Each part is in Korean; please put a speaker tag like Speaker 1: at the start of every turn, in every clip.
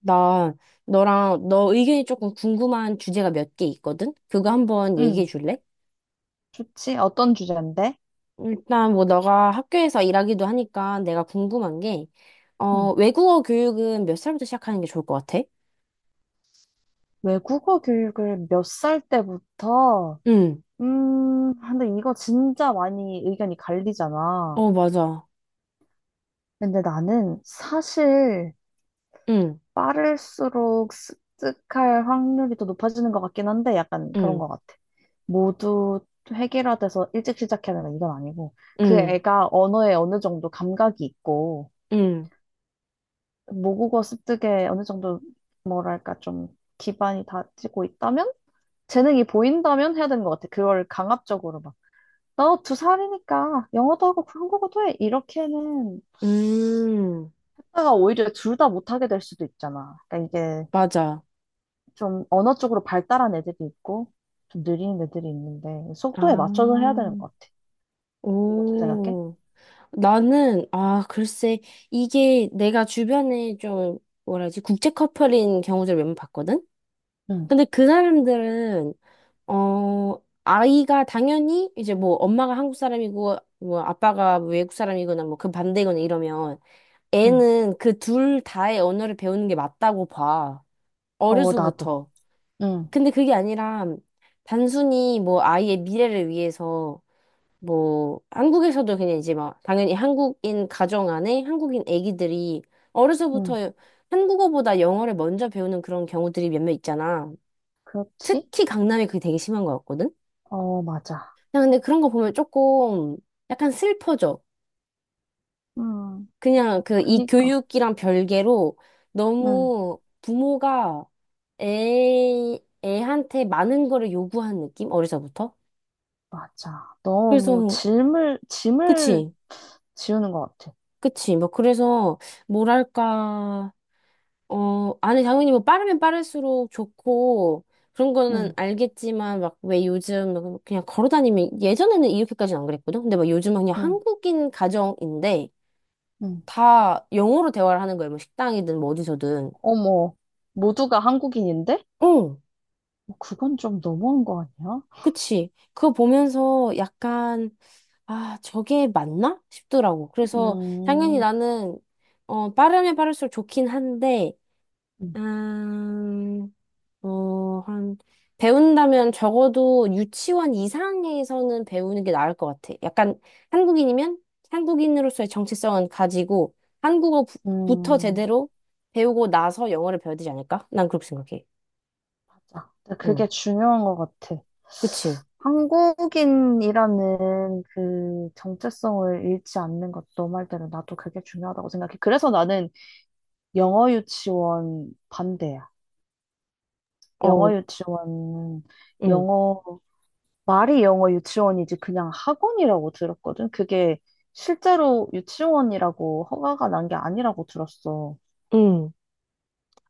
Speaker 1: 나 너랑 너 의견이 조금 궁금한 주제가 몇 개 있거든? 그거 한번 얘기해
Speaker 2: 응,
Speaker 1: 줄래?
Speaker 2: 좋지. 어떤 주제인데?
Speaker 1: 일단 뭐 너가 학교에서 일하기도 하니까 내가 궁금한 게,
Speaker 2: 응.
Speaker 1: 외국어 교육은 몇 살부터 시작하는 게 좋을 것 같아?
Speaker 2: 외국어 교육을 몇 살 때부터?
Speaker 1: 응.
Speaker 2: 근데 이거 진짜 많이 의견이 갈리잖아.
Speaker 1: 어, 맞아.
Speaker 2: 근데 나는 사실
Speaker 1: 응,
Speaker 2: 빠를수록 습득할 확률이 더 높아지는 것 같긴 한데 약간 그런
Speaker 1: 응,
Speaker 2: 것 같아. 모두 획일화돼서 일찍 시작해야 된다 이건 아니고 그
Speaker 1: 응,
Speaker 2: 애가 언어에 어느 정도 감각이 있고
Speaker 1: 응,
Speaker 2: 모국어 습득에 어느 정도 뭐랄까 좀 기반이 다지고 있다면 재능이 보인다면 해야 되는 것 같아. 그걸 강압적으로 막, 너 두 살이니까 영어도 하고 한국어도 해. 이렇게는
Speaker 1: 음,
Speaker 2: 하다가 오히려 둘 다 못하게 될 수도 있잖아. 그러니까 이게
Speaker 1: 맞아.
Speaker 2: 좀 언어 쪽으로 발달한 애들이 있고, 좀 느린 애들이 있는데,
Speaker 1: 아,
Speaker 2: 속도에 맞춰서 해야 되는 것 같아. 넌 어떻게 생각해?
Speaker 1: 오. 나는, 아, 글쎄, 이게 내가 주변에 좀, 뭐라 지 국제 커플인 경우들 몇 번 봤거든?
Speaker 2: 응,
Speaker 1: 근데 그 사람들은 아이가 당연히 이제 뭐 엄마가 한국 사람이고 뭐 아빠가 뭐 외국 사람이거나 뭐 그 반대거나 이러면
Speaker 2: 응.
Speaker 1: 애는 그 둘 다의 언어를 배우는 게 맞다고 봐.
Speaker 2: 어, 나도.
Speaker 1: 어려서부터.
Speaker 2: 응,
Speaker 1: 근데 그게 아니라 단순히 뭐 아이의 미래를 위해서 뭐 한국에서도 그냥 이제 막 당연히 한국인 가정 안에 한국인 애기들이
Speaker 2: 응.
Speaker 1: 어려서부터 한국어보다 영어를 먼저 배우는 그런 경우들이 몇몇 있잖아.
Speaker 2: 그렇지?
Speaker 1: 특히 강남이 그게 되게 심한 것 같거든?
Speaker 2: 어, 맞아.
Speaker 1: 그냥 근데 그런 거 보면 조금 약간 슬퍼져.
Speaker 2: 음,
Speaker 1: 그냥 그 이
Speaker 2: 그니까.
Speaker 1: 교육이랑 별개로
Speaker 2: 응,
Speaker 1: 너무 부모가 애, 애한테 많은 거를 요구한 느낌? 어리서부터?
Speaker 2: 맞아. 너무
Speaker 1: 그래서,
Speaker 2: 짐을
Speaker 1: 그치,
Speaker 2: 지우는 것 같아.
Speaker 1: 그치. 뭐, 그래서, 뭐랄까. 어, 아니, 당연히 뭐 빠르면 빠를수록 좋고, 그런 거는
Speaker 2: 응,
Speaker 1: 알겠지만, 막 왜 요즘 그냥 걸어 다니면, 예전에는 이렇게까지는 안 그랬거든? 근데 막 요즘은 그냥
Speaker 2: 응,
Speaker 1: 한국인 가정인데,
Speaker 2: 응.
Speaker 1: 다 영어로 대화를 하는 거예요. 뭐 식당이든 뭐 어디서든.
Speaker 2: 어머, 모두가 한국인인데?
Speaker 1: 응,
Speaker 2: 어, 그건 좀 너무한 거 아니야?
Speaker 1: 그치. 그거 보면서 약간, 아, 저게 맞나? 싶더라고. 그래서 당연히
Speaker 2: 음,
Speaker 1: 나는, 빠르면 빠를수록 좋긴 한데, 음, 한, 배운다면 적어도 유치원 이상에서는 배우는 게 나을 것 같아. 약간 한국인이면 한국인으로서의 정체성은 가지고 한국어부터
Speaker 2: 음,
Speaker 1: 제대로 배우고 나서 영어를 배워야 되지 않을까? 난 그렇게 생각해.
Speaker 2: 맞아. 근데
Speaker 1: 응,
Speaker 2: 그게 중요한 것 같아.
Speaker 1: 그치.
Speaker 2: 한국인이라는 그 정체성을 잃지 않는 것도 너 말대로 나도 그게 중요하다고 생각해. 그래서 나는 영어 유치원 반대야.
Speaker 1: 어,
Speaker 2: 영어 유치원,
Speaker 1: 응,
Speaker 2: 영어 말이 영어 유치원이지 그냥 학원이라고 들었거든. 그게 실제로 유치원이라고 허가가 난 게 아니라고 들었어.
Speaker 1: 응.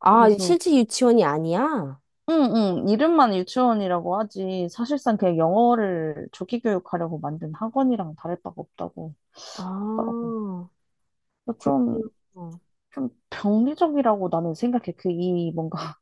Speaker 1: 아, 실제 유치원이 아니야?
Speaker 2: 응응 이름만 유치원이라고 하지 사실상 그냥 영어를 조기 교육하려고 만든 학원이랑 다를 바가 없다고 하더라고.
Speaker 1: 아,
Speaker 2: 좀
Speaker 1: 그렇구나.
Speaker 2: 좀 병리적이라고 나는 생각해. 그 이 뭔가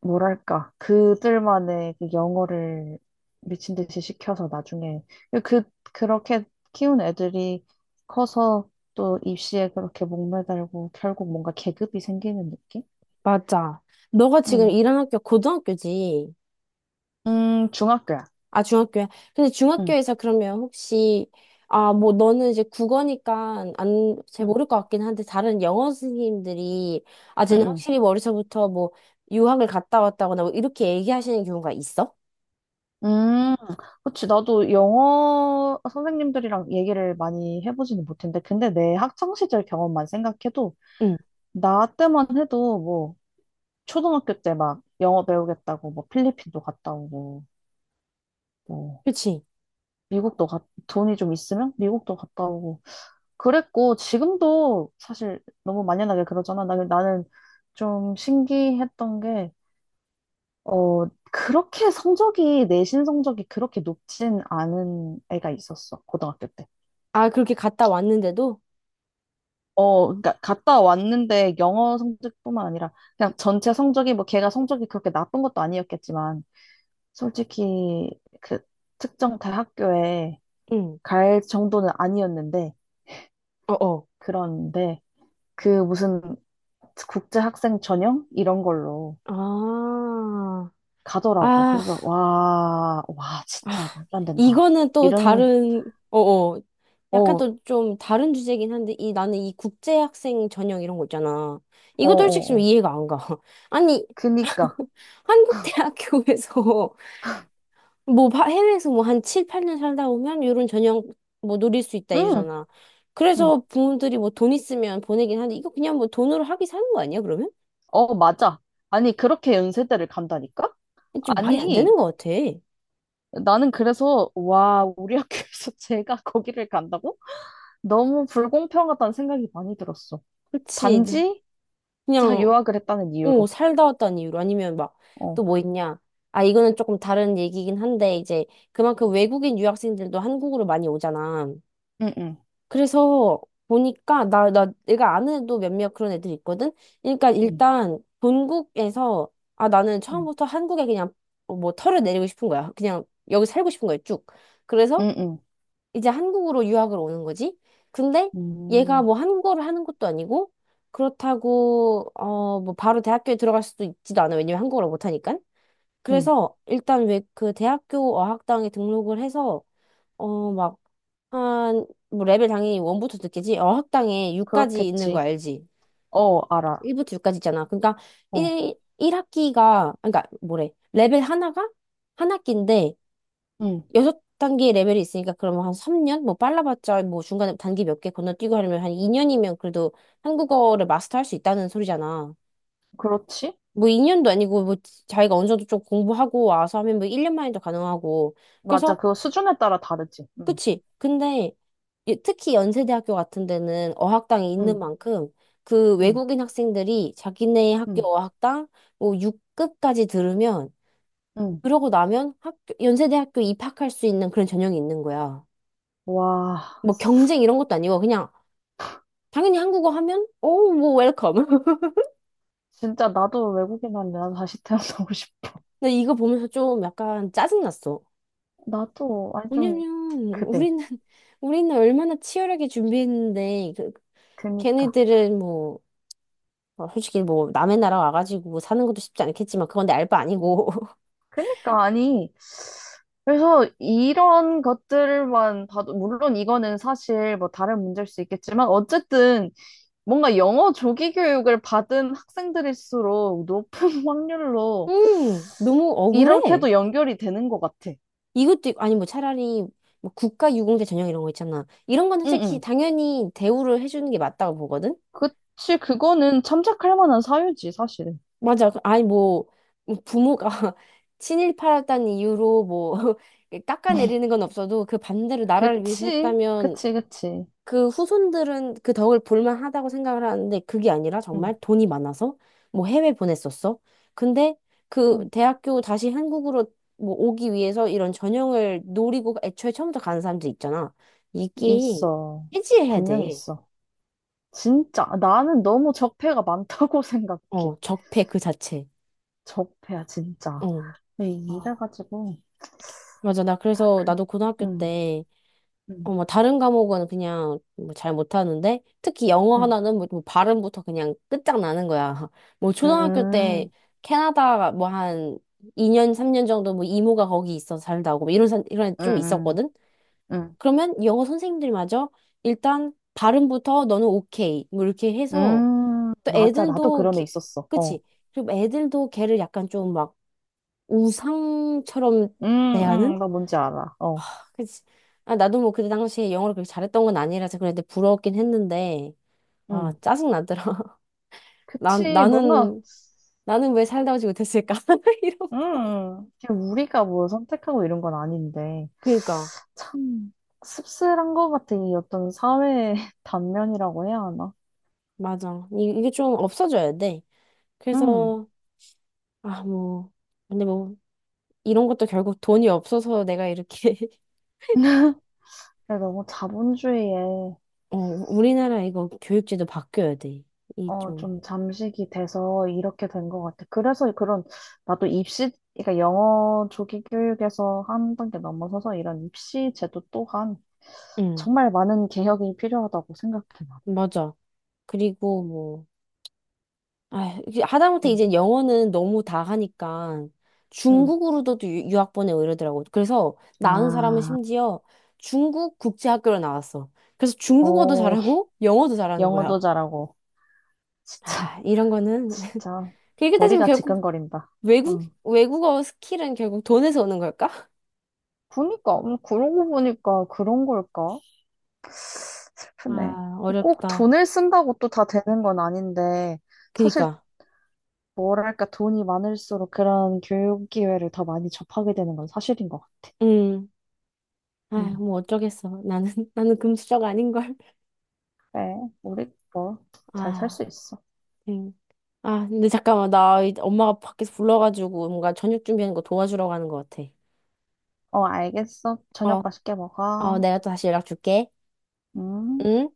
Speaker 2: 뭐랄까, 그들만의 그 영어를 미친 듯이 시켜서 나중에, 그, 그렇게 키운 애들이 커서 또 입시에 그렇게 목매달고 결국 뭔가 계급이 생기는 느낌?
Speaker 1: 맞아. 너가 지금
Speaker 2: 응.
Speaker 1: 일하는 학교 고등학교지?
Speaker 2: 중학교야.
Speaker 1: 아, 중학교야. 근데
Speaker 2: 응,
Speaker 1: 중학교에서 그러면 혹시, 아, 뭐, 너는 이제 국어니까 안, 잘
Speaker 2: 응,
Speaker 1: 모를 것 같긴 한데, 다른 영어 선생님들이, 아,
Speaker 2: 응,
Speaker 1: 쟤는
Speaker 2: 응.
Speaker 1: 확실히 어려서부터 뭐, 유학을 갔다 왔다거나 뭐, 이렇게 얘기하시는 경우가 있어?
Speaker 2: 음, 그치. 나도 영어 선생님들이랑 얘기를 많이 해보지는 못했는데, 근데 내 학창 시절 경험만 생각해도,
Speaker 1: 응,
Speaker 2: 나 때만 해도 뭐, 초등학교 때 막 영어 배우겠다고 뭐 필리핀도 갔다 오고, 뭐
Speaker 1: 그치.
Speaker 2: 미국도 가, 돈이 좀 있으면 미국도 갔다 오고 그랬고 지금도 사실 너무 만연하게 그러잖아. 나는 좀 신기했던 게 어, 그렇게 성적이 내신 성적이 그렇게 높진 않은 애가 있었어. 고등학교 때.
Speaker 1: 아, 그렇게 갔다 왔는데도?
Speaker 2: 어, 그러니까 갔다 왔는데 영어 성적뿐만 아니라 그냥 전체 성적이 뭐 걔가 성적이 그렇게 나쁜 것도 아니었겠지만 솔직히 그 특정 대학교에
Speaker 1: 응,
Speaker 2: 갈 정도는 아니었는데
Speaker 1: 어어.
Speaker 2: 그런데 그 무슨 국제 학생 전형 이런 걸로
Speaker 1: 아,
Speaker 2: 가더라고.
Speaker 1: 아,
Speaker 2: 그래서 와, 와
Speaker 1: 아,
Speaker 2: 진짜 말도 안 된다.
Speaker 1: 이거는 또
Speaker 2: 이런
Speaker 1: 다른, 어어.
Speaker 2: 어,
Speaker 1: 약간
Speaker 2: 어,
Speaker 1: 또 좀 다른 주제긴 한데, 이, 나는 이 국제학생 전형 이런 거 있잖아.
Speaker 2: 어,
Speaker 1: 이것도 솔직히 좀
Speaker 2: 어.
Speaker 1: 이해가 안 가. 아니,
Speaker 2: 그니까.
Speaker 1: 한국 대학교에서, 뭐, 해외에서 뭐 한 7, 8년 살다 오면 이런 전형 뭐 노릴 수 있다
Speaker 2: 응.
Speaker 1: 이러잖아.
Speaker 2: 응.
Speaker 1: 그래서 부모들이 뭐 돈 있으면 보내긴 하는데, 이거 그냥 뭐 돈으로 학위 사는 거 아니야, 그러면?
Speaker 2: 어, 맞아. 아니 그렇게 연세대를 간다니까?
Speaker 1: 좀 말이 안 되는
Speaker 2: 아니
Speaker 1: 것 같아.
Speaker 2: 나는 그래서 와, 우리 학교에서 제가 거기를 간다고? 너무 불공평하다는 생각이 많이 들었어.
Speaker 1: 그치. 나-
Speaker 2: 단지 자
Speaker 1: 그냥,
Speaker 2: 유학을 했다는
Speaker 1: 어,
Speaker 2: 이유로.
Speaker 1: 살다 왔다는 이유로 아니면 막
Speaker 2: 어.
Speaker 1: 또 뭐 있냐? 아, 이거는 조금 다른 얘기긴 한데 이제 그만큼 외국인 유학생들도 한국으로 많이 오잖아.
Speaker 2: 응응.
Speaker 1: 그래서 보니까 나 내가 아는 애도 몇몇 그런 애들 있거든. 그러니까
Speaker 2: 응응.
Speaker 1: 일단 본국에서 아, 나는
Speaker 2: 응응.
Speaker 1: 처음부터 한국에 그냥 뭐 털을 내리고 싶은 거야. 그냥 여기 살고 싶은 거야, 쭉. 그래서
Speaker 2: 응. 응. 응.
Speaker 1: 이제 한국으로 유학을 오는 거지. 근데
Speaker 2: 응.
Speaker 1: 얘가
Speaker 2: 음,
Speaker 1: 뭐 한국어를 하는 것도 아니고 그렇다고 뭐 바로 대학교에 들어갈 수도 있지도 않아. 왜냐면 한국어를 못 하니까.
Speaker 2: 응.
Speaker 1: 그래서 일단 왜 그 대학교 어학당에 등록을 해서 막 한 뭐 레벨 당연히 원부터 듣겠지. 어학당에 6까지 있는 거
Speaker 2: 그렇겠지.
Speaker 1: 알지?
Speaker 2: 어, 알아.
Speaker 1: 1부터 6까지 있잖아. 그러니까
Speaker 2: 어,
Speaker 1: 1일학기가 그러니까 뭐래? 레벨 하나가 한 학기인데
Speaker 2: 응,
Speaker 1: 여섯 단계 레벨이 있으니까 그러면 한 3년? 뭐 빨라봤자 뭐 중간에 단계 몇 개 건너뛰고 하려면 한 2년이면 그래도 한국어를 마스터할 수 있다는 소리잖아.
Speaker 2: 그렇지.
Speaker 1: 뭐 2년도 아니고 뭐 자기가 어느 정도 좀 공부하고 와서 하면 뭐 1년 만에도 가능하고.
Speaker 2: 맞아.
Speaker 1: 그래서
Speaker 2: 그거 수준에 따라 다르지. 응,
Speaker 1: 그치. 근데 이- 특히 연세대학교 같은 데는 어학당이 있는
Speaker 2: 응,
Speaker 1: 만큼 그
Speaker 2: 응,
Speaker 1: 외국인 학생들이 자기네 학교
Speaker 2: 응,
Speaker 1: 어학당 뭐 6급까지 들으면
Speaker 2: 응.
Speaker 1: 그러고 나면 학교, 연세대학교 입학할 수 있는 그런 전형이 있는 거야.
Speaker 2: 와,
Speaker 1: 뭐 경쟁 이런 것도 아니고 그냥 당연히 한국어 하면 오뭐 웰컴.
Speaker 2: 진짜 나도 외국인 한데 나도 다시 태어나고 싶어.
Speaker 1: 나 이거 보면서 좀 약간 짜증났어.
Speaker 2: 나도, 아니,
Speaker 1: 왜냐면
Speaker 2: 좀, 그래.
Speaker 1: 우리는 우리는 얼마나 치열하게 준비했는데 그
Speaker 2: 그니까.
Speaker 1: 걔네들은 뭐 어, 솔직히 뭐 남의 나라 와가지고 뭐 사는 것도 쉽지 않겠지만 그건 내 알바 아니고
Speaker 2: 그니까, 아니. 그래서 이런 것들만 봐도, 물론 이거는 사실 뭐 다른 문제일 수 있겠지만, 어쨌든 뭔가 영어 조기 교육을 받은 학생들일수록 높은 확률로
Speaker 1: 너무 억울해.
Speaker 2: 이렇게도 연결이 되는 것 같아.
Speaker 1: 아니 뭐 차라리 뭐 국가 유공자 전형 이런 거 있잖아. 이런 건
Speaker 2: 응,
Speaker 1: 솔직히
Speaker 2: 응.
Speaker 1: 당연히 대우를 해주는 게 맞다고 보거든.
Speaker 2: 그치, 그거는 참작할 만한 사유지, 사실은.
Speaker 1: 맞아. 그- 아니, 뭐, 뭐 부모가 친일파였다는 이유로 뭐, 깎아내리는 건 없어도 그 반대로 나라를 위해서
Speaker 2: 그치,
Speaker 1: 했다면
Speaker 2: 그치, 그치.
Speaker 1: 그 후손들은 그 덕을 볼만하다고 생각을 하는데 그게 아니라
Speaker 2: 응,
Speaker 1: 정말 돈이 많아서 뭐 해외 보냈었어. 근데 그
Speaker 2: 응.
Speaker 1: 대학교 다시 한국으로 뭐 오기 위해서 이런 전형을 노리고 애초에 처음부터 가는 사람들 있잖아. 이게
Speaker 2: 있어.
Speaker 1: 해지해야
Speaker 2: 분명히
Speaker 1: 돼.
Speaker 2: 있어. 진짜. 나는 너무 적폐가 많다고 생각해.
Speaker 1: 어, 적폐 그 자체.
Speaker 2: 적폐야, 진짜.
Speaker 1: 어.
Speaker 2: 네,
Speaker 1: 아,
Speaker 2: 이래가지고,
Speaker 1: 맞아. 나
Speaker 2: 다
Speaker 1: 그래서
Speaker 2: 큰.
Speaker 1: 나도 고등학교
Speaker 2: 응,
Speaker 1: 때
Speaker 2: 응,
Speaker 1: 어, 뭐 다른 과목은 그냥 뭐 잘 못하는데 특히 영어
Speaker 2: 응.
Speaker 1: 하나는 뭐뭐 발음부터 그냥 끝장나는 거야. 뭐 초등학교 때
Speaker 2: 음,
Speaker 1: 캐나다 뭐 한 2년 3년 정도 뭐 이모가 거기 있어 살다고 뭐 이런
Speaker 2: 응,
Speaker 1: 애좀
Speaker 2: 응.
Speaker 1: 있었거든.
Speaker 2: 응.
Speaker 1: 그러면 영어 선생님들마저 일단 발음부터 너는 오케이 뭐 이렇게 해서 또
Speaker 2: 맞아. 나도
Speaker 1: 애들도
Speaker 2: 그런 애
Speaker 1: 기-
Speaker 2: 있었어. 어.
Speaker 1: 그치? 그리고 애들도 걔를 약간 좀 막 우상처럼
Speaker 2: 음,
Speaker 1: 대하는?
Speaker 2: 나 뭔지 알아. 어.
Speaker 1: 그치. 아, 나도 뭐 그때 당시에 영어를 그렇게 잘했던 건 아니라서 그랬는데 부러웠긴 했는데, 아,
Speaker 2: 음.
Speaker 1: 짜증나더라. 나,
Speaker 2: 그치. 뭔가,
Speaker 1: 나는, 나는 왜 살다 오지 못했을까? 이런 거.
Speaker 2: 그냥 우리가 뭐 선택하고 이런 건 아닌데.
Speaker 1: 그니까,
Speaker 2: 참, 씁쓸한 것 같아. 이 어떤 사회의 단면이라고 해야 하나?
Speaker 1: 맞아. 이게 좀 없어져야 돼.
Speaker 2: 음.
Speaker 1: 그래서, 아, 뭐, 근데 뭐, 이런 것도 결국 돈이 없어서 내가 이렇게,
Speaker 2: 근데 너무 자본주의에,
Speaker 1: 어, 우리나라 이거 교육제도 바뀌어야 돼. 이 좀,
Speaker 2: 좀 잠식이 돼서 이렇게 된 것 같아. 그래서 그런, 나도 입시, 그러니까 영어 조기 교육에서 한 단계 넘어서서 이런 입시 제도 또한
Speaker 1: 응,
Speaker 2: 정말 많은 개혁이 필요하다고 생각해, 요
Speaker 1: 맞아. 그리고 뭐 아, 이게 하다못해
Speaker 2: 응,
Speaker 1: 이제 영어는 너무 다 하니까
Speaker 2: 응.
Speaker 1: 중국으로도 유학 보내고 이러더라고. 그래서 나은 사람은
Speaker 2: 아,
Speaker 1: 심지어 중국 국제학교로 나왔어. 그래서 중국어도
Speaker 2: 어,
Speaker 1: 잘하고 영어도 잘하는
Speaker 2: 영어도
Speaker 1: 거야.
Speaker 2: 잘하고. 진짜,
Speaker 1: 아, 이런 거는
Speaker 2: 진짜.
Speaker 1: 그렇게 따지면
Speaker 2: 머리가
Speaker 1: 결국
Speaker 2: 지끈거린다. 응.
Speaker 1: 외국어 스킬은 결국 돈에서 오는 걸까?
Speaker 2: 그니까, 그러고 보니까 그런 걸까? 슬프네.
Speaker 1: 아,
Speaker 2: 꼭
Speaker 1: 어렵다.
Speaker 2: 돈을 쓴다고 또 다 되는 건 아닌데, 사실,
Speaker 1: 그니까.
Speaker 2: 뭐랄까, 돈이 많을수록 그런 교육 기회를 더 많이 접하게 되는 건 사실인 것 같아.
Speaker 1: 음. 아,
Speaker 2: 응.
Speaker 1: 뭐 어쩌겠어. 나는 나는 금수저가 아닌 걸.
Speaker 2: 그래, 우리 뭐, 잘 살
Speaker 1: 아.
Speaker 2: 수 있어.
Speaker 1: 응. 아, 근데 잠깐만. 나 엄마가 밖에서 불러가지고 뭔가 저녁 준비하는 거 도와주러 가는 것 같아.
Speaker 2: 어, 알겠어. 저녁
Speaker 1: 어,
Speaker 2: 맛있게
Speaker 1: 어,
Speaker 2: 먹어.
Speaker 1: 내가 또 다시 연락 줄게.
Speaker 2: 응.
Speaker 1: 응?